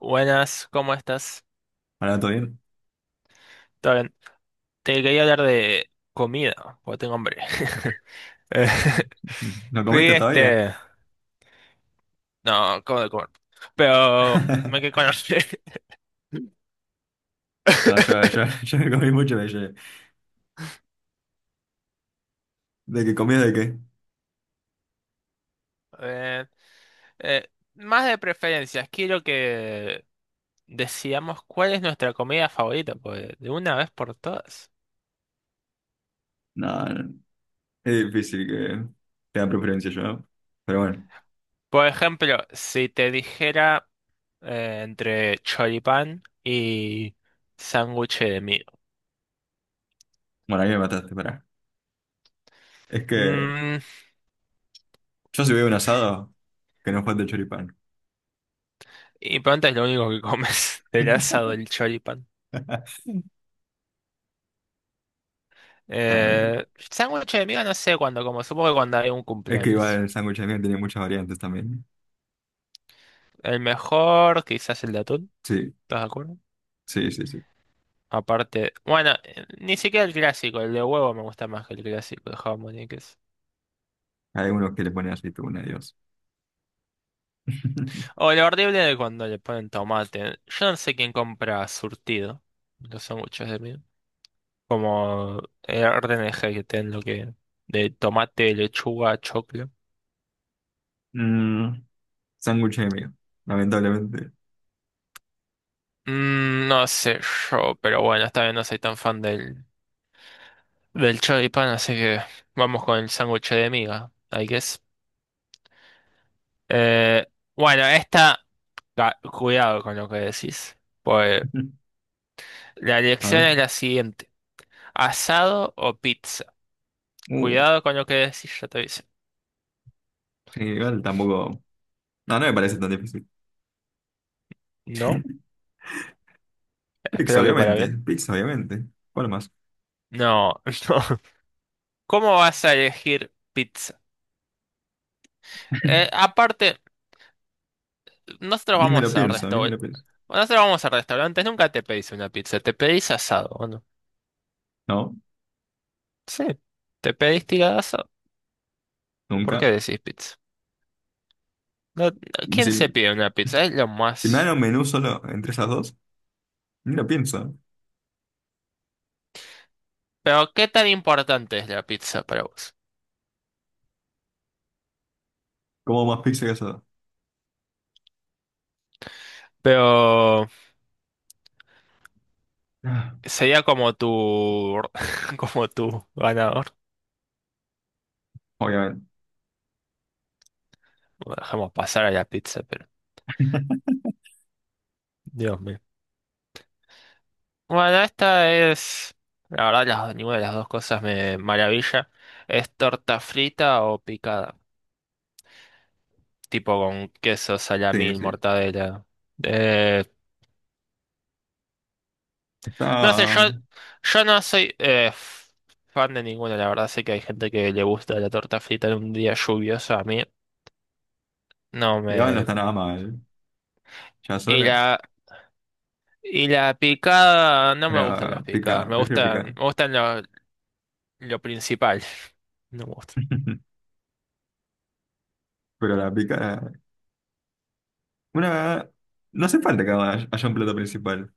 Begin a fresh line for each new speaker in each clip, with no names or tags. Buenas, ¿cómo estás?
Hola, ¿todo bien?
¿Todo bien? Te quería hablar de comida, porque tengo hambre. Eh,
¿No
Fui
comiste todavía?
este... No, acabo de comer. Pero me quedé con hambre.
No, yo, yo me comí mucho de ayer. ¿De qué comí de qué?
Eh, eh, más de preferencias, quiero que decíamos cuál es nuestra comida favorita, pues, de una vez por todas.
No, no, es difícil que tenga preferencia yo. Pero bueno,
Por ejemplo, si te dijera entre choripán y sándwich de
bueno, ahí me mataste, pará. Es que
miga.
yo si veo un asado, que no falte choripán.
Y pronto es lo único que comes, el asado, el choripán.
A ver,
Eh, sándwich de miga no sé cuándo como, supongo que cuando hay un
es que igual
cumpleaños.
el sándwich de miel tiene muchas variantes también.
El mejor, quizás el de atún,
Sí,
¿estás de acuerdo?
sí, sí, sí.
Aparte, bueno, ni siquiera el clásico, el de huevo me gusta más que el clásico de jamón y queso.
Hay unos que le ponen aceituna, Dios.
O lo horrible de cuando le ponen tomate. Yo no sé quién compra surtido, los sándwiches de miga. Como el orden de que tienen lo que... De tomate, lechuga, choclo.
Mm, sándwich de miel, lamentablemente.
Mm, no sé yo, pero bueno, esta vez no soy tan fan del choripán, así que vamos con el sándwich de miga, I guess. Eh, bueno, cuidado con lo que decís, pues la
A
elección es
ver.
la siguiente, asado o pizza.
Uh,
Cuidado con lo que decís, ya te aviso.
sí, igual tampoco. No, no me parece tan difícil.
No,
Pix,
espero que para
obviamente.
bien.
Pix, obviamente. ¿Cuál más?
No, no. ¿Cómo vas a elegir pizza? Aparte, nosotros
Ni me lo
vamos a
pienso, ni me lo
restaurantes.
pienso.
Nosotros vamos a restaurantes, nunca te pedís una pizza, te pedís asado, ¿o no?
No,
Sí, te pediste tiradazo. ¿Por qué
nunca.
decís pizza? No,
Es
¿quién
decir,
se pide una pizza? Es lo
si me dan
más.
un menú solo entre esas dos, ni lo pienso.
Pero, ¿qué tan importante es la pizza para vos?
¿Como más pizza que esas dos?
Pero
Ah,
sería como tu como tu ganador.
obviamente.
Bueno, dejamos pasar a la pizza, pero Dios mío. Bueno, esta es la verdad las, ninguna de las dos cosas me maravilla. ¿Es torta frita o picada? Tipo con queso,
Sí,
salamín,
sí. Sí.
mortadela. Eh, No sé,
Está.
yo no soy fan de ninguno, la verdad. Sé que hay gente que le gusta la torta frita en un día lluvioso. A mí no
Digamos, no
me.
está nada mal. Ya
Y
sola.
la, y la picada, no me gustan las
Pero
picadas.
pica, prefiero
Me
picar.
gustan lo principal. No me gusta.
Pero la pica. Una. No hace falta que haya un plato principal.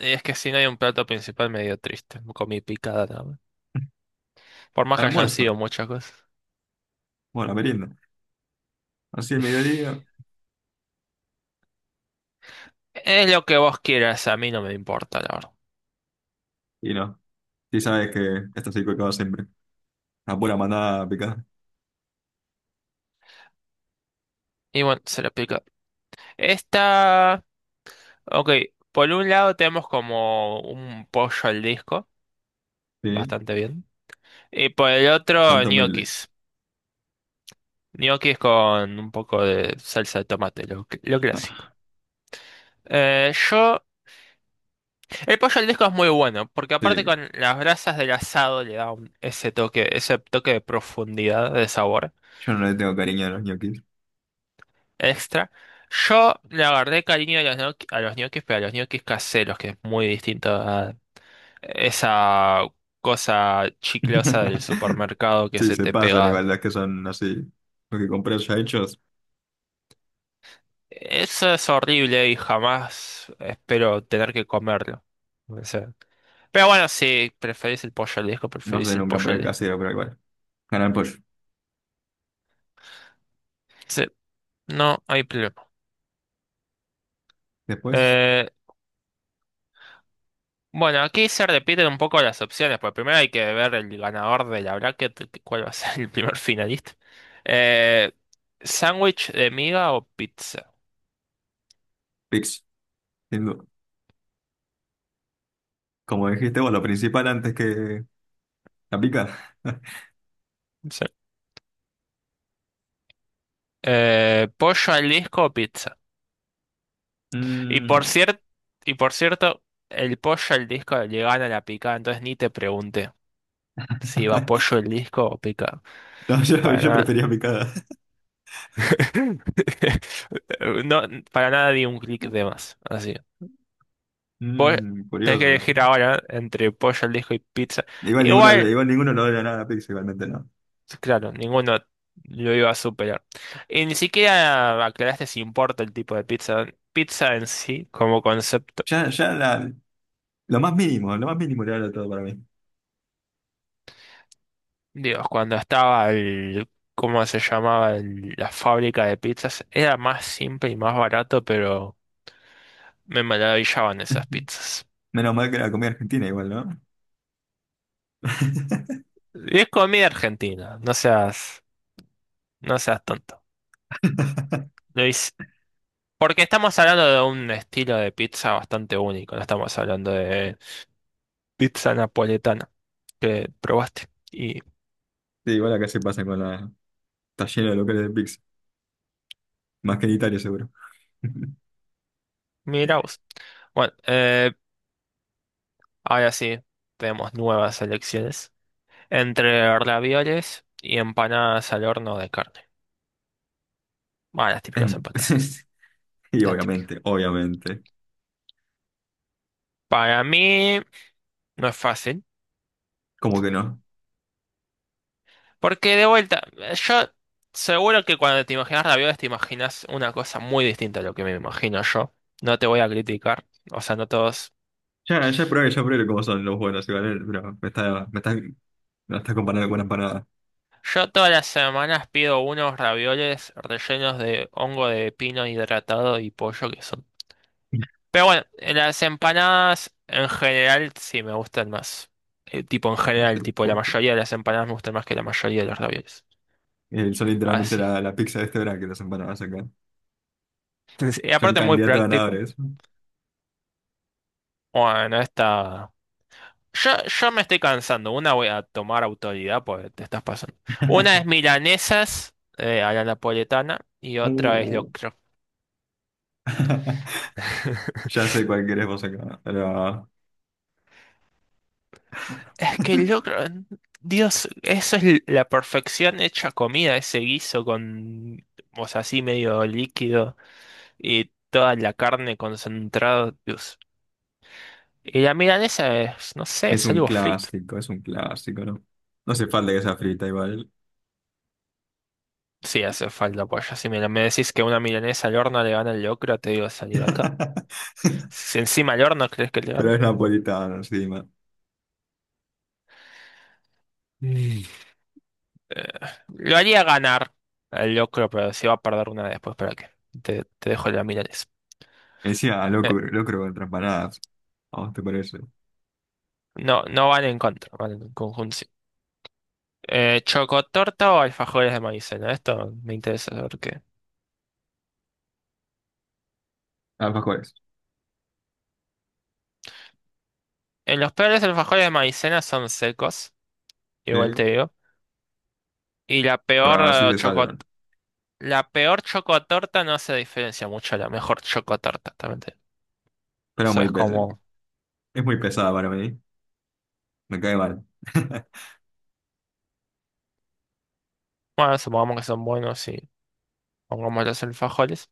Es que si no hay un plato principal, medio triste. Comí picada nada más. Por más que hayan sido
Almuerzo.
muchas cosas.
Bueno, merienda. Así el mediodía.
Es lo que vos quieras, a mí no me importa, la verdad.
Y no. Sí sabes que esto sí que acaba siempre. Una pura manada picada.
Y bueno, se la pica. Esta. Ok, por un lado tenemos como un pollo al disco,
Sí,
bastante bien. Y por el otro,
bastante humilde.
ñoquis. Ñoquis con un poco de salsa de tomate, lo clásico.
Ah,
Eh, yo, el pollo al disco es muy bueno, porque aparte
sí,
con las brasas del asado le da ese toque de profundidad, de sabor
yo no le tengo cariño a los ñoquis.
extra. Yo le agarré cariño a a los ñoquis, pero a los ñoquis caseros, que es muy distinto. Esa cosa chiclosa del supermercado que
Sí,
se
se
te
pasan
pega.
igual, las que son así. Lo que compré ya hechos,
Eso es horrible y jamás espero tener que comerlo. O sea, pero bueno, si preferís el pollo al disco,
no sé,
preferís el
nunca
pollo al
compré
disco.
casero, pero igual. Canal Pollo.
Sí, no hay problema.
Después,
Eh, bueno, aquí se repiten un poco las opciones, porque primero hay que ver el ganador de la bracket, que- cuál va a ser el primer finalista. Eh, ¿Sándwich de miga o pizza?
Pix, sin duda. Como dijiste vos, lo principal antes que la pica.
Sí. ¿Pollo al disco o pizza? Y por
Mm.
cierto, y por cierto, el pollo al disco le gana la picada, entonces ni te pregunté si iba pollo el disco o picada.
No, yo,
Para
yo
nada.
prefería picada.
No, para nada di un clic de más. Así. Pues
Mm,
tenés que
curioso eso.
elegir ahora entre pollo al disco y pizza.
Igual ninguno,
Igual,
igual ninguno no le odia nada a Pix, igualmente no.
claro, ninguno lo iba a superar. Y ni siquiera aclaraste si importa el tipo de pizza. Pizza en sí, como concepto.
Ya, ya la, lo más mínimo le da todo para mí.
Dios, cuando estaba el, ¿cómo se llamaba? La fábrica de pizzas, era más simple y más barato, pero me maravillaban esas pizzas.
Menos mal que era comida argentina igual, ¿no?
Y es comida argentina, no seas tonto. Lo hice- Porque estamos hablando de un estilo de pizza bastante único, no estamos hablando de pizza napoletana que probaste. Y
Sí, igual acá se pasa con la... Está lleno de locales de pizza. Más que en Italia, seguro.
mira vos. Bueno, ahora sí, tenemos nuevas elecciones entre ravioles y empanadas al horno de carne. Bueno, las típicas
Em,
empatadas.
y
Las típicas.
obviamente, obviamente.
Para mí no es fácil.
¿Cómo que no?
Porque de vuelta, yo seguro que cuando te imaginas ravioles te imaginas una cosa muy distinta a lo que me imagino yo. No te voy a criticar. O sea, no todos.
Ya probé cómo son los buenos igual, pero me la está comparando con una empanada.
Yo todas las semanas pido unos ravioles rellenos de hongo de pino hidratado y pollo que son. Pero bueno, las empanadas en general sí me gustan más. Tipo en
No
general,
sé,
tipo la mayoría de las empanadas me gustan más que la mayoría de los ravioles.
son literalmente
Así.
la pizza de este verano que las empanadas acá.
Sí, y
Son
aparte muy
candidatos
práctico.
ganadores.
Bueno, esta... yo me estoy cansando. Una voy a tomar autoridad, pues te estás pasando. Una es milanesas a la napoletana y otra es
Uh.
locro.
Ya sé cuál querés vos acá.
Es que el locro, Dios, eso es la perfección hecha comida, ese guiso con, o sea, así medio líquido y toda la carne concentrada. Dios. Y la milanesa es, no sé, es algo frito.
Es un clásico, ¿no? No hace falta que sea frita igual.
Sí, hace falta pollo. Si me decís que una milanesa al horno le gana el locro, te digo salí de acá. Si encima al horno crees que le gana.
Pero es napolitano encima.
Mm. Eh, lo haría ganar al locro, pero si va a perder una después, ¿para qué? Te dejo la milanesa.
Decía "Ah,
Eh,
loco locro contra empanadas". ¿A vos te parece?
no, no van en contra, van en conjunción. ¿Chocotorta o alfajores de maicena? Esto me interesa saber qué.
Alfajores,
En los peores alfajores de maicena son secos, igual te
sí.
digo. Y la
Pero
peor
así se salvan.
la peor chocotorta no se diferencia mucho a la mejor chocotorta, también.
Pero
Eso
muy
es
pes
como,
es muy pesada para mí. Me cae mal.
bueno, supongamos que son buenos y pongamos los alfajores.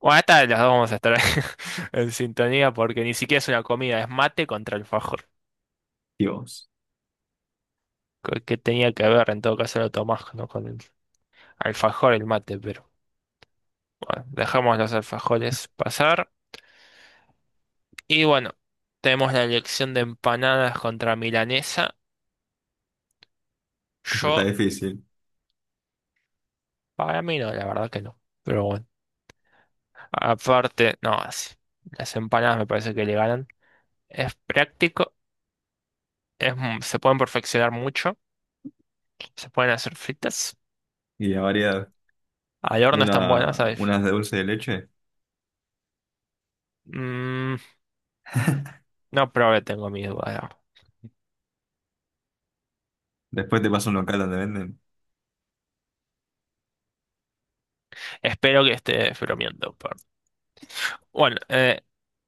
Bueno, esta de las dos vamos a estar en sintonía porque ni siquiera es una comida, es mate contra alfajor.
Dios,
¿Qué qué tenía que ver? En todo caso lo tomás, ¿no? Con el alfajor, el mate, pero bueno, dejamos los alfajores pasar. Y bueno, tenemos la elección de empanadas contra milanesa.
está
Yo,
difícil.
para mí no, la verdad que no. Pero bueno, aparte, no, así. Las empanadas me parece que le ganan. Es práctico, se pueden perfeccionar mucho. ¿Se pueden hacer fritas?
Y la variedad,
Al horno están buenas,
una,
¿sabes?
unas de dulce de leche.
Mm, no probé, tengo mis dudas, la verdad.
Después te pasa un local donde venden
Espero que esté bromeando, pero- Bueno,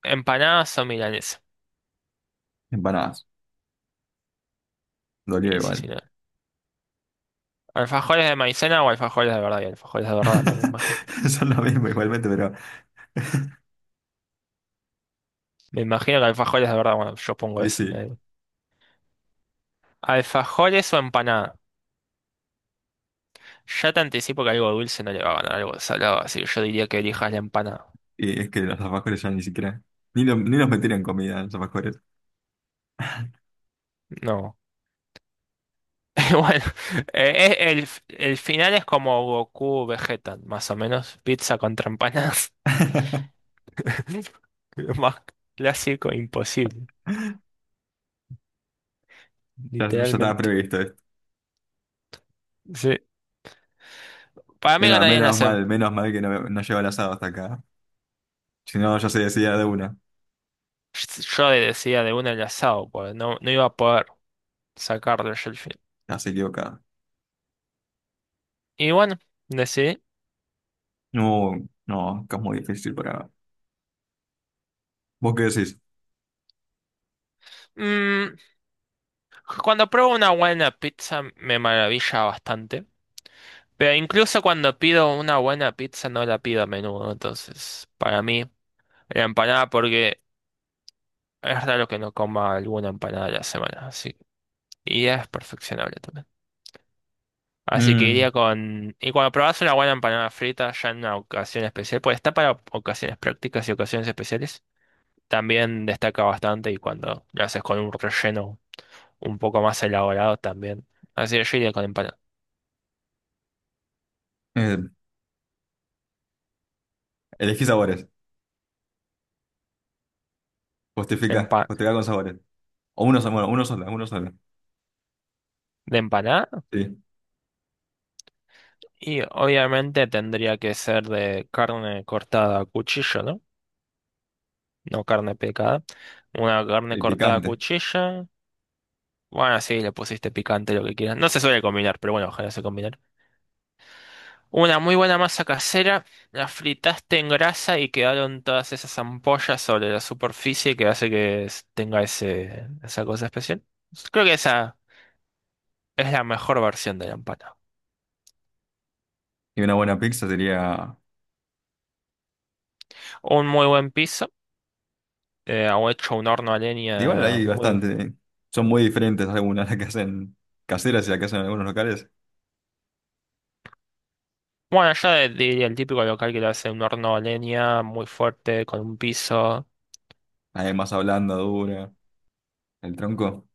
empanadas o milanesa.
empanadas. Dolió
Y sí,
igual.
sí, no. ¿Alfajores de maicena o alfajores de verdad? Y alfajores de verdad, no me imagino.
Son lo mismo igualmente, pero...
Me imagino que alfajores de verdad, bueno, yo pongo
Y
eso, me
sí.
da igual. ¿Alfajores o empanada? Ya te anticipo que algo dulce no le va a ganar algo salado, así que yo diría que elijas la empanada.
Y es que los alfajores ya ni siquiera, ni, ni nos metieron comida los alfajores.
No. Bueno, eh, eh, el, el final es como Goku Vegeta, más o menos. Pizza contra empanadas. Lo más clásico imposible,
Ya estaba
literalmente.
previsto esto.
Sí. Para mí ganarían las. Asado.
Menos mal que no, no llegó el asado hasta acá. Si no, ya se decía de una.
Yo le decía de una el asado, porque no iba a poder sacarle yo el fin.
Ya se equivocaba.
Y bueno, decidí.
No, no, que es muy difícil para... ¿Vos qué decís?
Mm, cuando pruebo una buena pizza me maravilla bastante. Pero incluso cuando pido una buena pizza no la pido a menudo. Entonces, para mí, la empanada, porque es raro que no coma alguna empanada a la semana, así y es perfeccionable también. Así que
Mm,
iría con... Y cuando probás una buena empanada frita ya en una ocasión especial, pues está para ocasiones prácticas y ocasiones especiales, también destaca bastante y cuando lo haces con un relleno un poco más elaborado también. Así que yo iría con empanada.
eh, elegí sabores. Justifica, justifica con sabores. Bueno, uno solo, uno solo.
De empanada
Sí,
y obviamente tendría que ser de carne cortada a cuchillo, ¿no? No carne picada. Una carne
y
cortada a
picante.
cuchillo. Bueno, sí, le pusiste picante lo que quieras. No se suele combinar, pero bueno, ojalá se combinara. Una muy buena masa casera, la fritaste en grasa y quedaron todas esas ampollas sobre la superficie que hace que tenga esa cosa especial. Creo que esa es la mejor versión de la empanada.
Y una buena pizza sería...
Un muy buen piso, o hecho un horno a
Igual
leña
hay
muy...
bastante. Son muy diferentes algunas las que hacen caseras y las que hacen en algunos locales.
Bueno, yo diría el típico local que lo hace un horno a leña muy fuerte, con un piso...
Además hablando dura. ¿El tronco?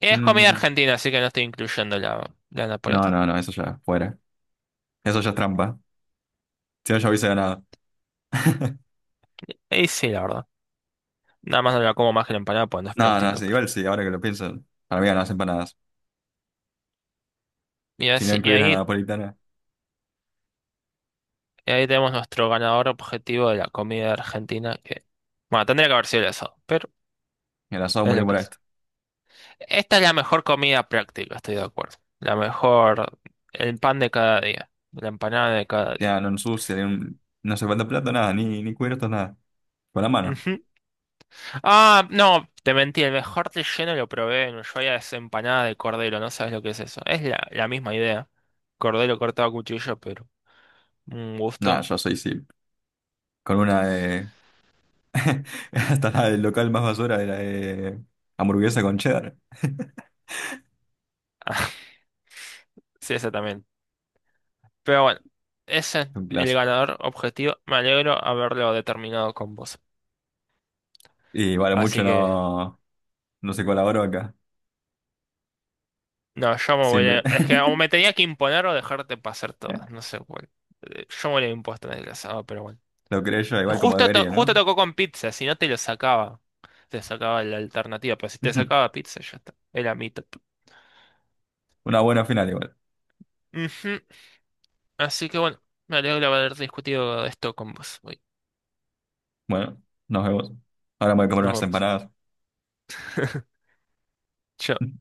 Es comida
Mm,
argentina, así que no estoy incluyendo la
no,
napolitana.
no, no, eso ya, fuera. Eso ya es trampa. Si no, ya hubiese ganado.
Y sí, la verdad. Nada más no la como más que la empanada, pues no es
No, no,
práctico,
sí,
pero.
igual sí, ahora que lo pienso, para mí ganan las empanadas.
Y
Si no
así, y
incluís la
ahí,
napolitana,
y ahí tenemos nuestro ganador objetivo de la comida argentina, que, bueno, tendría que haber sido el asado, pero
el asado
es
murió
lo
por
que es.
esto.
Esta es la mejor comida práctica, estoy de acuerdo. La mejor, el pan de cada día, la empanada de cada
Ya
día.
no ensucia, ni un- no hace falta plato, nada, ni, ni cubiertos, nada. Con la mano.
Ujú. Ah, no, te mentí, el mejor relleno lo probé en Ushuaia, es empanada de cordero, no sabes lo que es eso. Es la misma idea, cordero cortado a cuchillo, pero un
Nada,
gusto.
yo soy sí. Con una de. Hasta la del local más basura era de hamburguesa con cheddar.
Sí, exactamente. Pero bueno, ese es
Un
el
clásico.
ganador objetivo. Me alegro haberlo determinado con vos.
Y vale, mucho
Así que,
no, no se colaboró acá.
no, yo me voy a...
Siempre.
Es que o me tenía que imponer o dejarte pasar todas. No sé cuál. Yo me lo he impuesto en el asado, pero bueno.
Lo creé yo igual como
Justo,
debería,
justo
¿no?
tocó con pizza, si no te lo sacaba. Te sacaba la alternativa, pero si te sacaba pizza, ya está. Era mi top.
Una buena final igual.
Ujú. Así que bueno, me alegro haber discutido esto con vos. Hoy.
Bueno, nos vemos. Ahora me voy a comer
Nos
unas
vemos.
empanadas.
Chao.